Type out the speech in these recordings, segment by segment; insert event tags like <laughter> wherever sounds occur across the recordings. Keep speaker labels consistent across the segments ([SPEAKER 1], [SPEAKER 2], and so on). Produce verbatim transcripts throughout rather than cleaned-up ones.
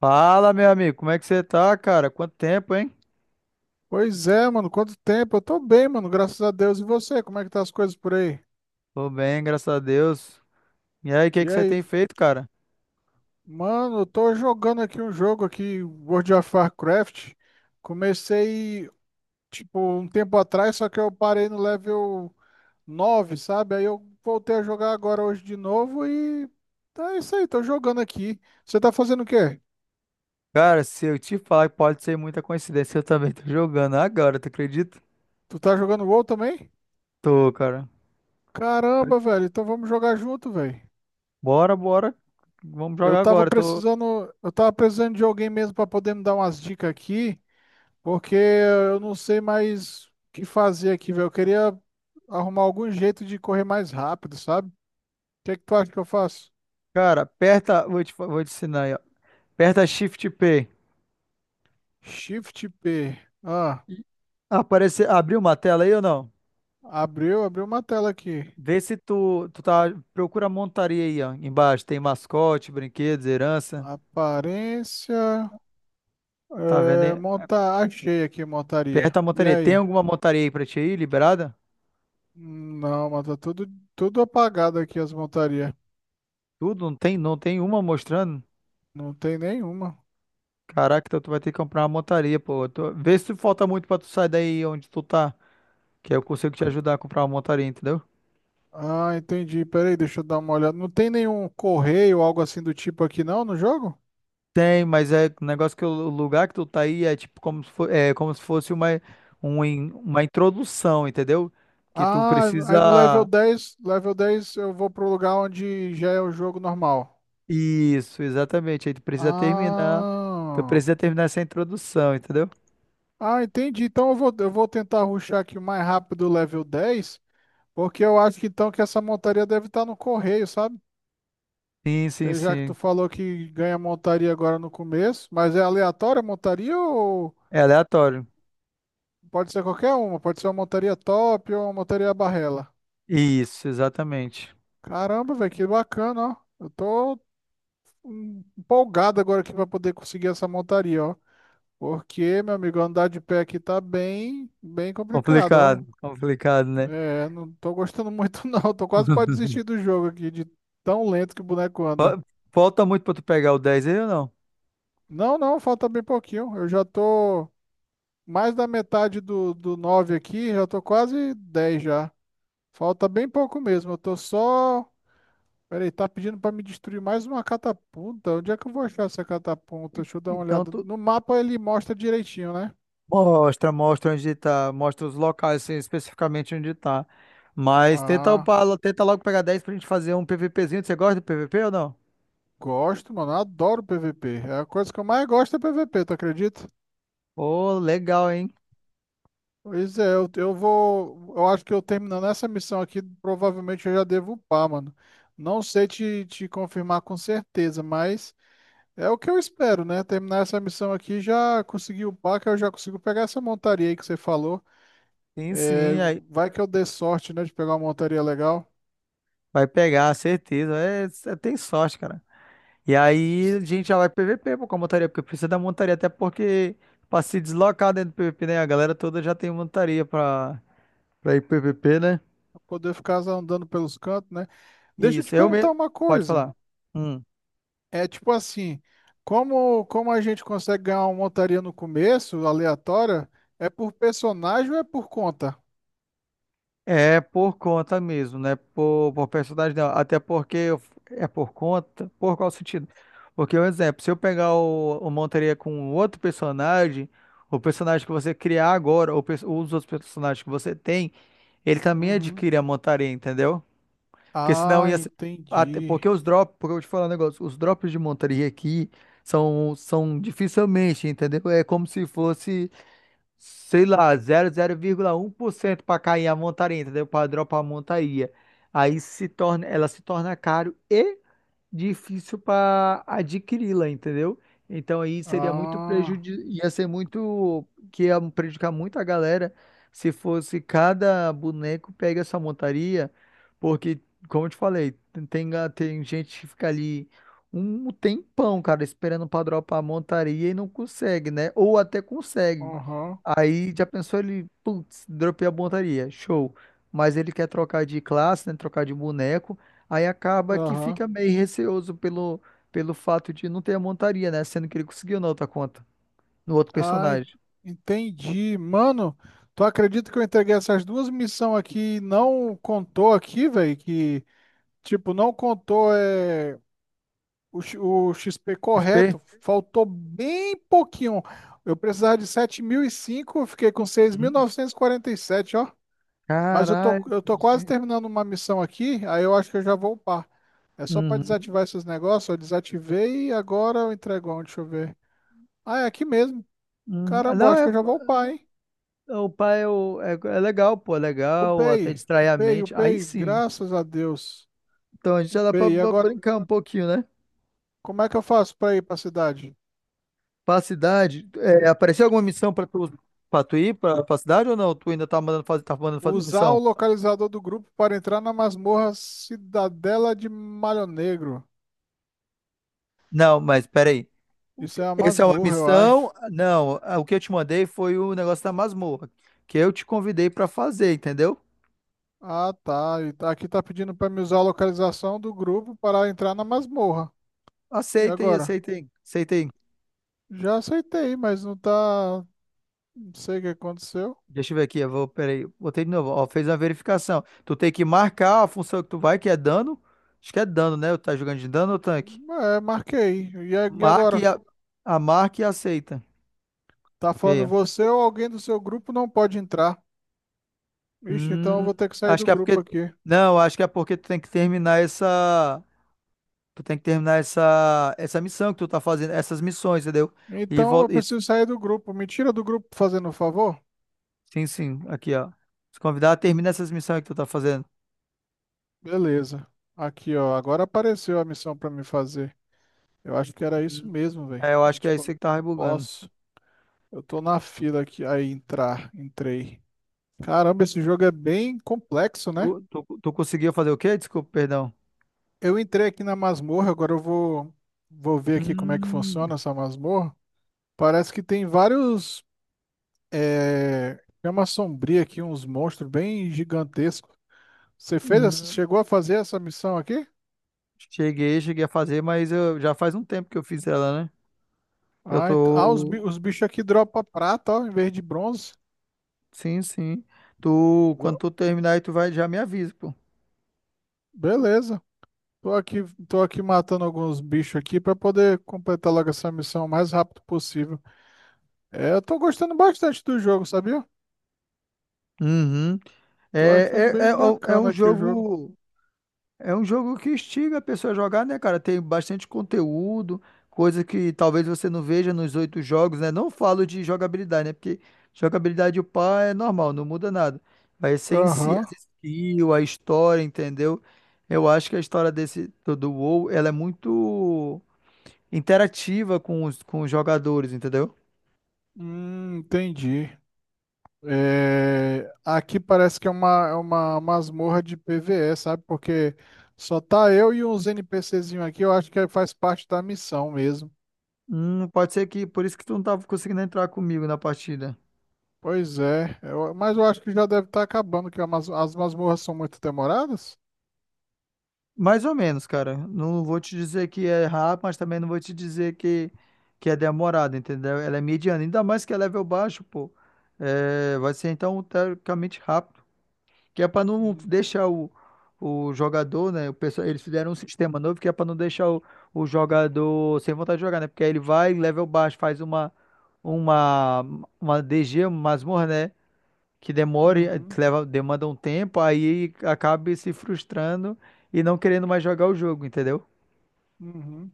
[SPEAKER 1] Fala, meu amigo, como é que você tá, cara? Quanto tempo, hein?
[SPEAKER 2] Pois é, mano, quanto tempo? Eu tô bem, mano, graças a Deus. E você, como é que tá as coisas por aí?
[SPEAKER 1] Tô bem, graças a Deus. E aí, o que
[SPEAKER 2] E
[SPEAKER 1] que você
[SPEAKER 2] aí?
[SPEAKER 1] tem feito, cara?
[SPEAKER 2] Mano, eu tô jogando aqui um jogo aqui, World of Warcraft. Comecei, tipo, um tempo atrás, só que eu parei no level nove, sabe? Aí eu voltei a jogar agora hoje de novo e tá isso aí, tô jogando aqui. Você tá fazendo o quê?
[SPEAKER 1] Cara, se eu te falar que pode ser muita coincidência, <laughs> eu também tô jogando agora, tu acredita?
[SPEAKER 2] Tu tá jogando WoW também?
[SPEAKER 1] Tô, cara.
[SPEAKER 2] Caramba, velho, então vamos jogar junto, velho.
[SPEAKER 1] Bora, bora. Vamos
[SPEAKER 2] Eu
[SPEAKER 1] jogar
[SPEAKER 2] tava
[SPEAKER 1] agora. Tô,
[SPEAKER 2] precisando, eu tava precisando de alguém mesmo para poder me dar umas dicas aqui, porque eu não sei mais o que fazer aqui, velho. Eu queria arrumar algum jeito de correr mais rápido, sabe? O que é que tu acha que eu faço?
[SPEAKER 1] cara, aperta, vou te, fa- vou te ensinar aí, ó. Aperta Shift P.
[SPEAKER 2] Shift P. Ah,
[SPEAKER 1] Aparece, abriu uma tela aí ou não?
[SPEAKER 2] abriu, abriu uma tela aqui.
[SPEAKER 1] Vê se tu, tu tá, procura a montaria aí, ó, embaixo. Tem mascote, brinquedos, herança.
[SPEAKER 2] Aparência,
[SPEAKER 1] Tá vendo
[SPEAKER 2] é,
[SPEAKER 1] aí?
[SPEAKER 2] montar, achei aqui
[SPEAKER 1] Perto
[SPEAKER 2] montaria.
[SPEAKER 1] da
[SPEAKER 2] E
[SPEAKER 1] montaria. Tem
[SPEAKER 2] aí?
[SPEAKER 1] alguma montaria aí pra ti aí, liberada?
[SPEAKER 2] Não, mas tá tudo, tudo apagado aqui as montarias.
[SPEAKER 1] Tudo? Não tem, não tem uma mostrando?
[SPEAKER 2] Não tem nenhuma.
[SPEAKER 1] Caraca, então tu vai ter que comprar uma montaria, pô. Tu- Vê se falta muito pra tu sair daí onde tu tá. Que aí eu consigo te ajudar a comprar uma montaria, entendeu?
[SPEAKER 2] Ah, entendi. Peraí, deixa eu dar uma olhada. Não tem nenhum correio ou algo assim do tipo aqui não no jogo?
[SPEAKER 1] Tem, mas é o negócio que o o lugar que tu tá aí é tipo como se, fo- é, como se fosse uma, um in- uma introdução, entendeu? Que tu
[SPEAKER 2] Ah, aí no level
[SPEAKER 1] precisa.
[SPEAKER 2] dez, level dez eu vou pro lugar onde já é o jogo normal.
[SPEAKER 1] Isso, exatamente. Aí tu precisa terminar. Tu
[SPEAKER 2] Ah.
[SPEAKER 1] precisa terminar essa introdução, entendeu?
[SPEAKER 2] Ah, entendi. Então eu vou, eu vou tentar rushar aqui o mais rápido o level dez, porque eu acho que então que essa montaria deve estar no correio, sabe?
[SPEAKER 1] Sim, sim,
[SPEAKER 2] Porque já que
[SPEAKER 1] sim.
[SPEAKER 2] tu falou que ganha montaria agora no começo, mas é aleatória a montaria ou
[SPEAKER 1] É aleatório.
[SPEAKER 2] pode ser qualquer uma? Pode ser uma montaria top ou uma montaria barrela?
[SPEAKER 1] Isso, exatamente.
[SPEAKER 2] Caramba, velho, que bacana, ó. Eu tô hum, empolgado agora aqui pra poder conseguir essa montaria, ó. Porque, meu amigo, andar de pé aqui tá bem, bem complicado, ó.
[SPEAKER 1] Complicado, complicado, né?
[SPEAKER 2] É, não tô gostando muito, <laughs> não. Tô quase pra desistir
[SPEAKER 1] <laughs>
[SPEAKER 2] do jogo aqui, de tão lento que o boneco anda.
[SPEAKER 1] Fa- Falta muito pra tu pegar o dez aí ou não?
[SPEAKER 2] Não, não, falta bem pouquinho. Eu já tô mais da metade do, do nove aqui, já tô quase dez já. Falta bem pouco mesmo. Eu tô só peraí, tá pedindo pra me destruir mais uma catapulta? Onde é que eu vou achar essa catapulta? Deixa eu dar uma
[SPEAKER 1] Então
[SPEAKER 2] olhada.
[SPEAKER 1] tu
[SPEAKER 2] No mapa ele mostra direitinho, né?
[SPEAKER 1] mostra, mostra onde tá, mostra os locais assim, especificamente onde tá. Mas tenta,
[SPEAKER 2] Ah,
[SPEAKER 1] upar, lo- tenta logo pegar dez pra gente fazer um PVPzinho. Você gosta do P V P ou não?
[SPEAKER 2] gosto, mano. Adoro P V P. É a coisa que eu mais gosto é P V P, tu acredita?
[SPEAKER 1] Ô, legal, hein?
[SPEAKER 2] Pois é, eu, eu vou. Eu acho que eu terminando essa missão aqui, provavelmente eu já devo upar, mano. Não sei te, te confirmar com certeza, mas é o que eu espero, né? Terminar essa missão aqui, já consegui upar, que eu já consigo pegar essa montaria aí que você falou.
[SPEAKER 1] Sim,
[SPEAKER 2] É,
[SPEAKER 1] sim. Aí
[SPEAKER 2] vai que eu dê sorte, né, de pegar uma montaria legal,
[SPEAKER 1] vai pegar, certeza. É, cê tem sorte, cara. E aí a gente já vai pro P V P, pô, com a montaria, porque precisa da montaria, até porque pra se deslocar dentro do P V P, né? A galera toda já tem montaria pra, pra ir pro P V P, né?
[SPEAKER 2] pra poder ficar andando pelos cantos, né? Deixa eu te
[SPEAKER 1] Isso, eu
[SPEAKER 2] perguntar
[SPEAKER 1] mesmo.
[SPEAKER 2] uma
[SPEAKER 1] Pode
[SPEAKER 2] coisa.
[SPEAKER 1] falar. Hum.
[SPEAKER 2] É tipo assim, como, como a gente consegue ganhar uma montaria no começo, aleatória, é por personagem ou é por conta?
[SPEAKER 1] É por conta mesmo, né? Por, por personagem, não. Até porque eu- é por conta. Por qual sentido? Porque, um exemplo, se eu pegar o, o montaria com outro personagem, o personagem que você criar agora, ou pers- os outros personagens que você tem, ele também
[SPEAKER 2] Uhum.
[SPEAKER 1] adquire a montaria, entendeu? Porque senão
[SPEAKER 2] Ah,
[SPEAKER 1] ia ser. Até- porque
[SPEAKER 2] entendi.
[SPEAKER 1] os drops, porque eu vou te falar um negócio, os drops de montaria aqui são, são dificilmente, entendeu? É como se fosse, sei lá, zero zero vírgula zero um por cento para cair a montaria, entendeu? Para dropar a montaria. Aí se torna, ela se torna caro e difícil para adquiri-la, entendeu? Então aí seria muito prejuízo,
[SPEAKER 2] Ah,
[SPEAKER 1] ia ser muito, que ia prejudicar muito a galera se fosse cada boneco pega essa montaria, porque, como eu te falei, tem, tem ga- tem gente que fica ali um tempão, cara, esperando pra dropar a montaria e não consegue, né? Ou até consegue.
[SPEAKER 2] aham,
[SPEAKER 1] Aí já pensou ele, putz, dropei a montaria, show. Mas ele quer trocar de classe, né? Trocar de boneco. Aí acaba que
[SPEAKER 2] aham.
[SPEAKER 1] fica meio receoso pelo, pelo fato de não ter a montaria, né? Sendo que ele conseguiu na outra conta, no outro
[SPEAKER 2] Ah, en-
[SPEAKER 1] personagem.
[SPEAKER 2] entendi. Mano, tu acredita que eu entreguei essas duas missões aqui e não contou aqui, velho? Que, tipo, não contou é, o, X- o X P
[SPEAKER 1] X P?
[SPEAKER 2] correto. Faltou bem pouquinho. Eu precisava de sete mil e cinco, eu fiquei com seis mil
[SPEAKER 1] Uhum.
[SPEAKER 2] novecentos e e quarenta e sete, ó. Mas eu tô,
[SPEAKER 1] Caralho.
[SPEAKER 2] eu tô quase
[SPEAKER 1] Gente.
[SPEAKER 2] terminando uma missão aqui, aí eu acho que eu já vou upar. É só pra
[SPEAKER 1] Uhum.
[SPEAKER 2] desativar esses negócios, eu desativei e agora eu entrego onde? Deixa eu ver. Ah, é aqui mesmo.
[SPEAKER 1] Uhum. Ah,
[SPEAKER 2] Caramba,
[SPEAKER 1] não,
[SPEAKER 2] acho
[SPEAKER 1] é, é,
[SPEAKER 2] que eu já vou upar, hein?
[SPEAKER 1] o pai é, o- é, é legal, pô, é legal, até
[SPEAKER 2] Upei,
[SPEAKER 1] distrai a
[SPEAKER 2] upei,
[SPEAKER 1] mente. Aí
[SPEAKER 2] upei,
[SPEAKER 1] sim.
[SPEAKER 2] graças a Deus.
[SPEAKER 1] Então a gente já dá pra,
[SPEAKER 2] Upei. E
[SPEAKER 1] pra
[SPEAKER 2] agora,
[SPEAKER 1] brincar um pouquinho, né?
[SPEAKER 2] como é que eu faço para ir para a cidade?
[SPEAKER 1] Pra cidade, é, apareceu alguma missão pra tu, pra tu ir pra, pra cidade ou não? Tu ainda tá mandando fazer, tá mandando fazer
[SPEAKER 2] Usar o
[SPEAKER 1] missão?
[SPEAKER 2] localizador do grupo para entrar na masmorra Cidadela de Malho Negro.
[SPEAKER 1] Não, mas peraí. O
[SPEAKER 2] Isso
[SPEAKER 1] que-
[SPEAKER 2] é a
[SPEAKER 1] Essa é uma
[SPEAKER 2] masmorra, eu
[SPEAKER 1] missão?
[SPEAKER 2] acho.
[SPEAKER 1] Não, ah, o que eu te mandei foi o negócio da masmorra, que eu te convidei pra fazer, entendeu?
[SPEAKER 2] Ah, tá. E tá- aqui tá pedindo para me usar a localização do grupo para entrar na masmorra. E
[SPEAKER 1] Aceitem,
[SPEAKER 2] agora?
[SPEAKER 1] aceitem, aceitem.
[SPEAKER 2] Já aceitei, mas não tá. Não sei o que aconteceu.
[SPEAKER 1] Deixa eu ver aqui, eu vou, peraí, botei de novo, ó, fez uma verificação. Tu tem que marcar a função que tu vai, que é dano. Acho que é dano, né? Tá jogando de dano ou tanque?
[SPEAKER 2] É, marquei. E a- e
[SPEAKER 1] Marque
[SPEAKER 2] agora?
[SPEAKER 1] a, a marca e aceita.
[SPEAKER 2] Tá
[SPEAKER 1] E aí,
[SPEAKER 2] falando
[SPEAKER 1] ó.
[SPEAKER 2] você ou alguém do seu grupo não pode entrar? Ixi, então eu
[SPEAKER 1] Hum,
[SPEAKER 2] vou ter que sair
[SPEAKER 1] acho
[SPEAKER 2] do
[SPEAKER 1] que é
[SPEAKER 2] grupo
[SPEAKER 1] porque.
[SPEAKER 2] aqui.
[SPEAKER 1] Não, acho que é porque tu tem que terminar essa. Tu tem que terminar essa, essa missão que tu tá fazendo, essas missões, entendeu? E
[SPEAKER 2] Então eu
[SPEAKER 1] volta.
[SPEAKER 2] preciso sair do grupo. Me tira do grupo fazendo um favor?
[SPEAKER 1] Sim, sim, aqui, ó. Se convidar, termina essas missões que tu tá fazendo.
[SPEAKER 2] Beleza. Aqui, ó. Agora apareceu a missão pra me fazer. Eu acho que era isso
[SPEAKER 1] Hum.
[SPEAKER 2] mesmo, velho.
[SPEAKER 1] É, eu acho que é
[SPEAKER 2] Tipo, eu
[SPEAKER 1] isso
[SPEAKER 2] não
[SPEAKER 1] aí que tá rebugando.
[SPEAKER 2] posso. Eu tô na fila aqui. Aí, entrar. Entrei. Caramba, esse jogo é bem complexo,
[SPEAKER 1] Tu,
[SPEAKER 2] né?
[SPEAKER 1] tu, tu conseguiu fazer o quê? Desculpa, perdão.
[SPEAKER 2] Eu entrei aqui na masmorra. Agora eu vou, vou ver aqui como é que
[SPEAKER 1] Hum,
[SPEAKER 2] funciona essa masmorra. Parece que tem vários. É... chama sombria aqui, uns monstros bem gigantescos. Você fez essa,
[SPEAKER 1] hum.
[SPEAKER 2] chegou a fazer essa missão aqui?
[SPEAKER 1] Cheguei, cheguei a fazer, mas eu, já faz um tempo que eu fiz ela, né? Eu
[SPEAKER 2] Ah, ent- ah, os, bi-
[SPEAKER 1] tô.
[SPEAKER 2] os bichos aqui dropam prata, ó, em vez de bronze.
[SPEAKER 1] Sim, sim. Tu, quando
[SPEAKER 2] Vo-
[SPEAKER 1] tu terminar aí, tu vai, já me avisa, pô.
[SPEAKER 2] Beleza. Tô aqui, tô aqui matando alguns bichos aqui pra poder completar logo essa missão o mais rápido possível. É, eu tô gostando bastante do jogo, sabia?
[SPEAKER 1] Uhum.
[SPEAKER 2] Tô achando
[SPEAKER 1] É, é,
[SPEAKER 2] bem
[SPEAKER 1] é, é
[SPEAKER 2] bacana
[SPEAKER 1] um
[SPEAKER 2] aqui o jogo.
[SPEAKER 1] jogo. É um jogo que instiga a pessoa a jogar, né, cara? Tem bastante conteúdo, coisa que talvez você não veja nos oito jogos, né? Não falo de jogabilidade, né? Porque jogabilidade o pá é normal, não muda nada. Vai ser em si
[SPEAKER 2] Aham.
[SPEAKER 1] as skills, a história, entendeu? Eu acho que a história desse do do WoW, ela é muito interativa com os, com os jogadores, entendeu?
[SPEAKER 2] Hum, entendi. É, aqui parece que é uma, é uma masmorra de PvE, sabe? Porque só tá eu e uns NPCzinhos aqui, eu acho que faz parte da missão mesmo.
[SPEAKER 1] Hum, pode ser que por isso que tu não tava conseguindo entrar comigo na partida.
[SPEAKER 2] Pois é, é, eu- mas eu acho que já deve estar acabando, que a mas- as masmorras são muito demoradas.
[SPEAKER 1] Mais ou menos, cara. Não vou te dizer que é rápido, mas também não vou te dizer que, que é demorado, entendeu? Ela é mediana, ainda mais que é level baixo, pô. É, vai ser então teoricamente rápido, que é para não
[SPEAKER 2] Uhum,
[SPEAKER 1] deixar o, o jogador, né? O pessoal, eles fizeram um sistema novo que é para não deixar o, o jogador sem vontade de jogar, né? Porque aí ele vai level baixo, faz uma uma uma D G, uma masmorra, né? Que demore, eh,
[SPEAKER 2] uhum.
[SPEAKER 1] leva, demanda um tempo, aí acabe se frustrando e não querendo mais jogar o jogo, entendeu?
[SPEAKER 2] Uhum.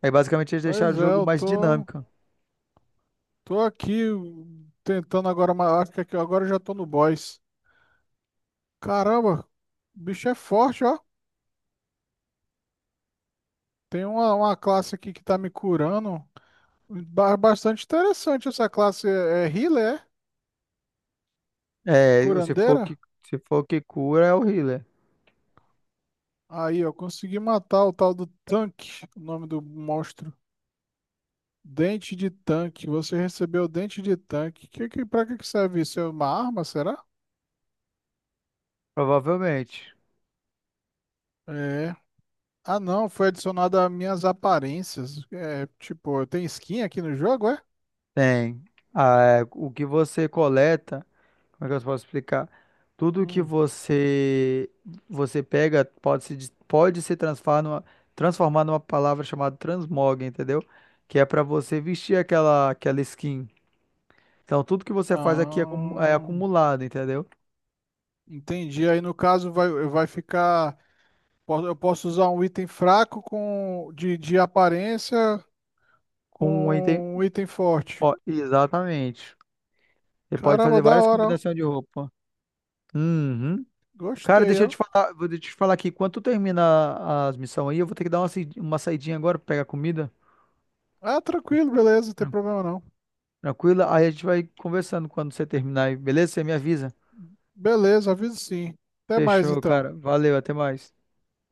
[SPEAKER 1] Aí basicamente eles deixaram o
[SPEAKER 2] Pois é,
[SPEAKER 1] jogo
[SPEAKER 2] eu
[SPEAKER 1] mais
[SPEAKER 2] tô,
[SPEAKER 1] dinâmico.
[SPEAKER 2] tô aqui tentando agora, uma- acho que aqui- agora eu já tô no boss. Caramba, o bicho é forte, ó. Tem uma, uma classe aqui que tá me curando. Ba- Bastante interessante essa classe, é, é healer, é?
[SPEAKER 1] É, se for o
[SPEAKER 2] Curandeira.
[SPEAKER 1] que, se for o que cura é o healer,
[SPEAKER 2] Aí, eu consegui matar o tal do tanque, o nome do monstro. Dente de tanque, você recebeu dente de tanque. Que, que, pra que que serve isso? É uma arma, será?
[SPEAKER 1] provavelmente.
[SPEAKER 2] É. Ah, não, foi adicionado às minhas aparências. É, tipo, tem skin aqui no jogo, é?
[SPEAKER 1] Tem. Ah, é, o que você coleta, como é que eu posso explicar? Tudo que
[SPEAKER 2] Hum.
[SPEAKER 1] você você pega pode se, des- pode se transformar numa, transformar numa palavra chamada transmog, entendeu? Que é pra você vestir aquela, aquela skin. Então, tudo que você faz aqui é acumu- é
[SPEAKER 2] Ah,
[SPEAKER 1] acumulado, entendeu?
[SPEAKER 2] entendi. Aí no caso vai, vai ficar. po- Eu posso usar um item fraco com de, de aparência
[SPEAKER 1] Com um item.
[SPEAKER 2] com um item forte.
[SPEAKER 1] Ó, exatamente. Você pode
[SPEAKER 2] Caramba,
[SPEAKER 1] fazer
[SPEAKER 2] da
[SPEAKER 1] várias
[SPEAKER 2] hora, ó.
[SPEAKER 1] combinações de roupa. Uhum. Cara,
[SPEAKER 2] Gostei,
[SPEAKER 1] deixa eu
[SPEAKER 2] ó.
[SPEAKER 1] te falar, vou te falar aqui. Quando tu termina as missões aí, eu vou ter que dar uma, saí- uma saidinha agora pra pegar comida.
[SPEAKER 2] Ah, tranquilo, beleza, não tem
[SPEAKER 1] Tran-
[SPEAKER 2] problema não.
[SPEAKER 1] Tranquila? Aí a gente vai conversando quando você terminar aí, beleza? Você me avisa.
[SPEAKER 2] Beleza, aviso sim. Até mais
[SPEAKER 1] Fechou,
[SPEAKER 2] então.
[SPEAKER 1] cara. Valeu, até mais.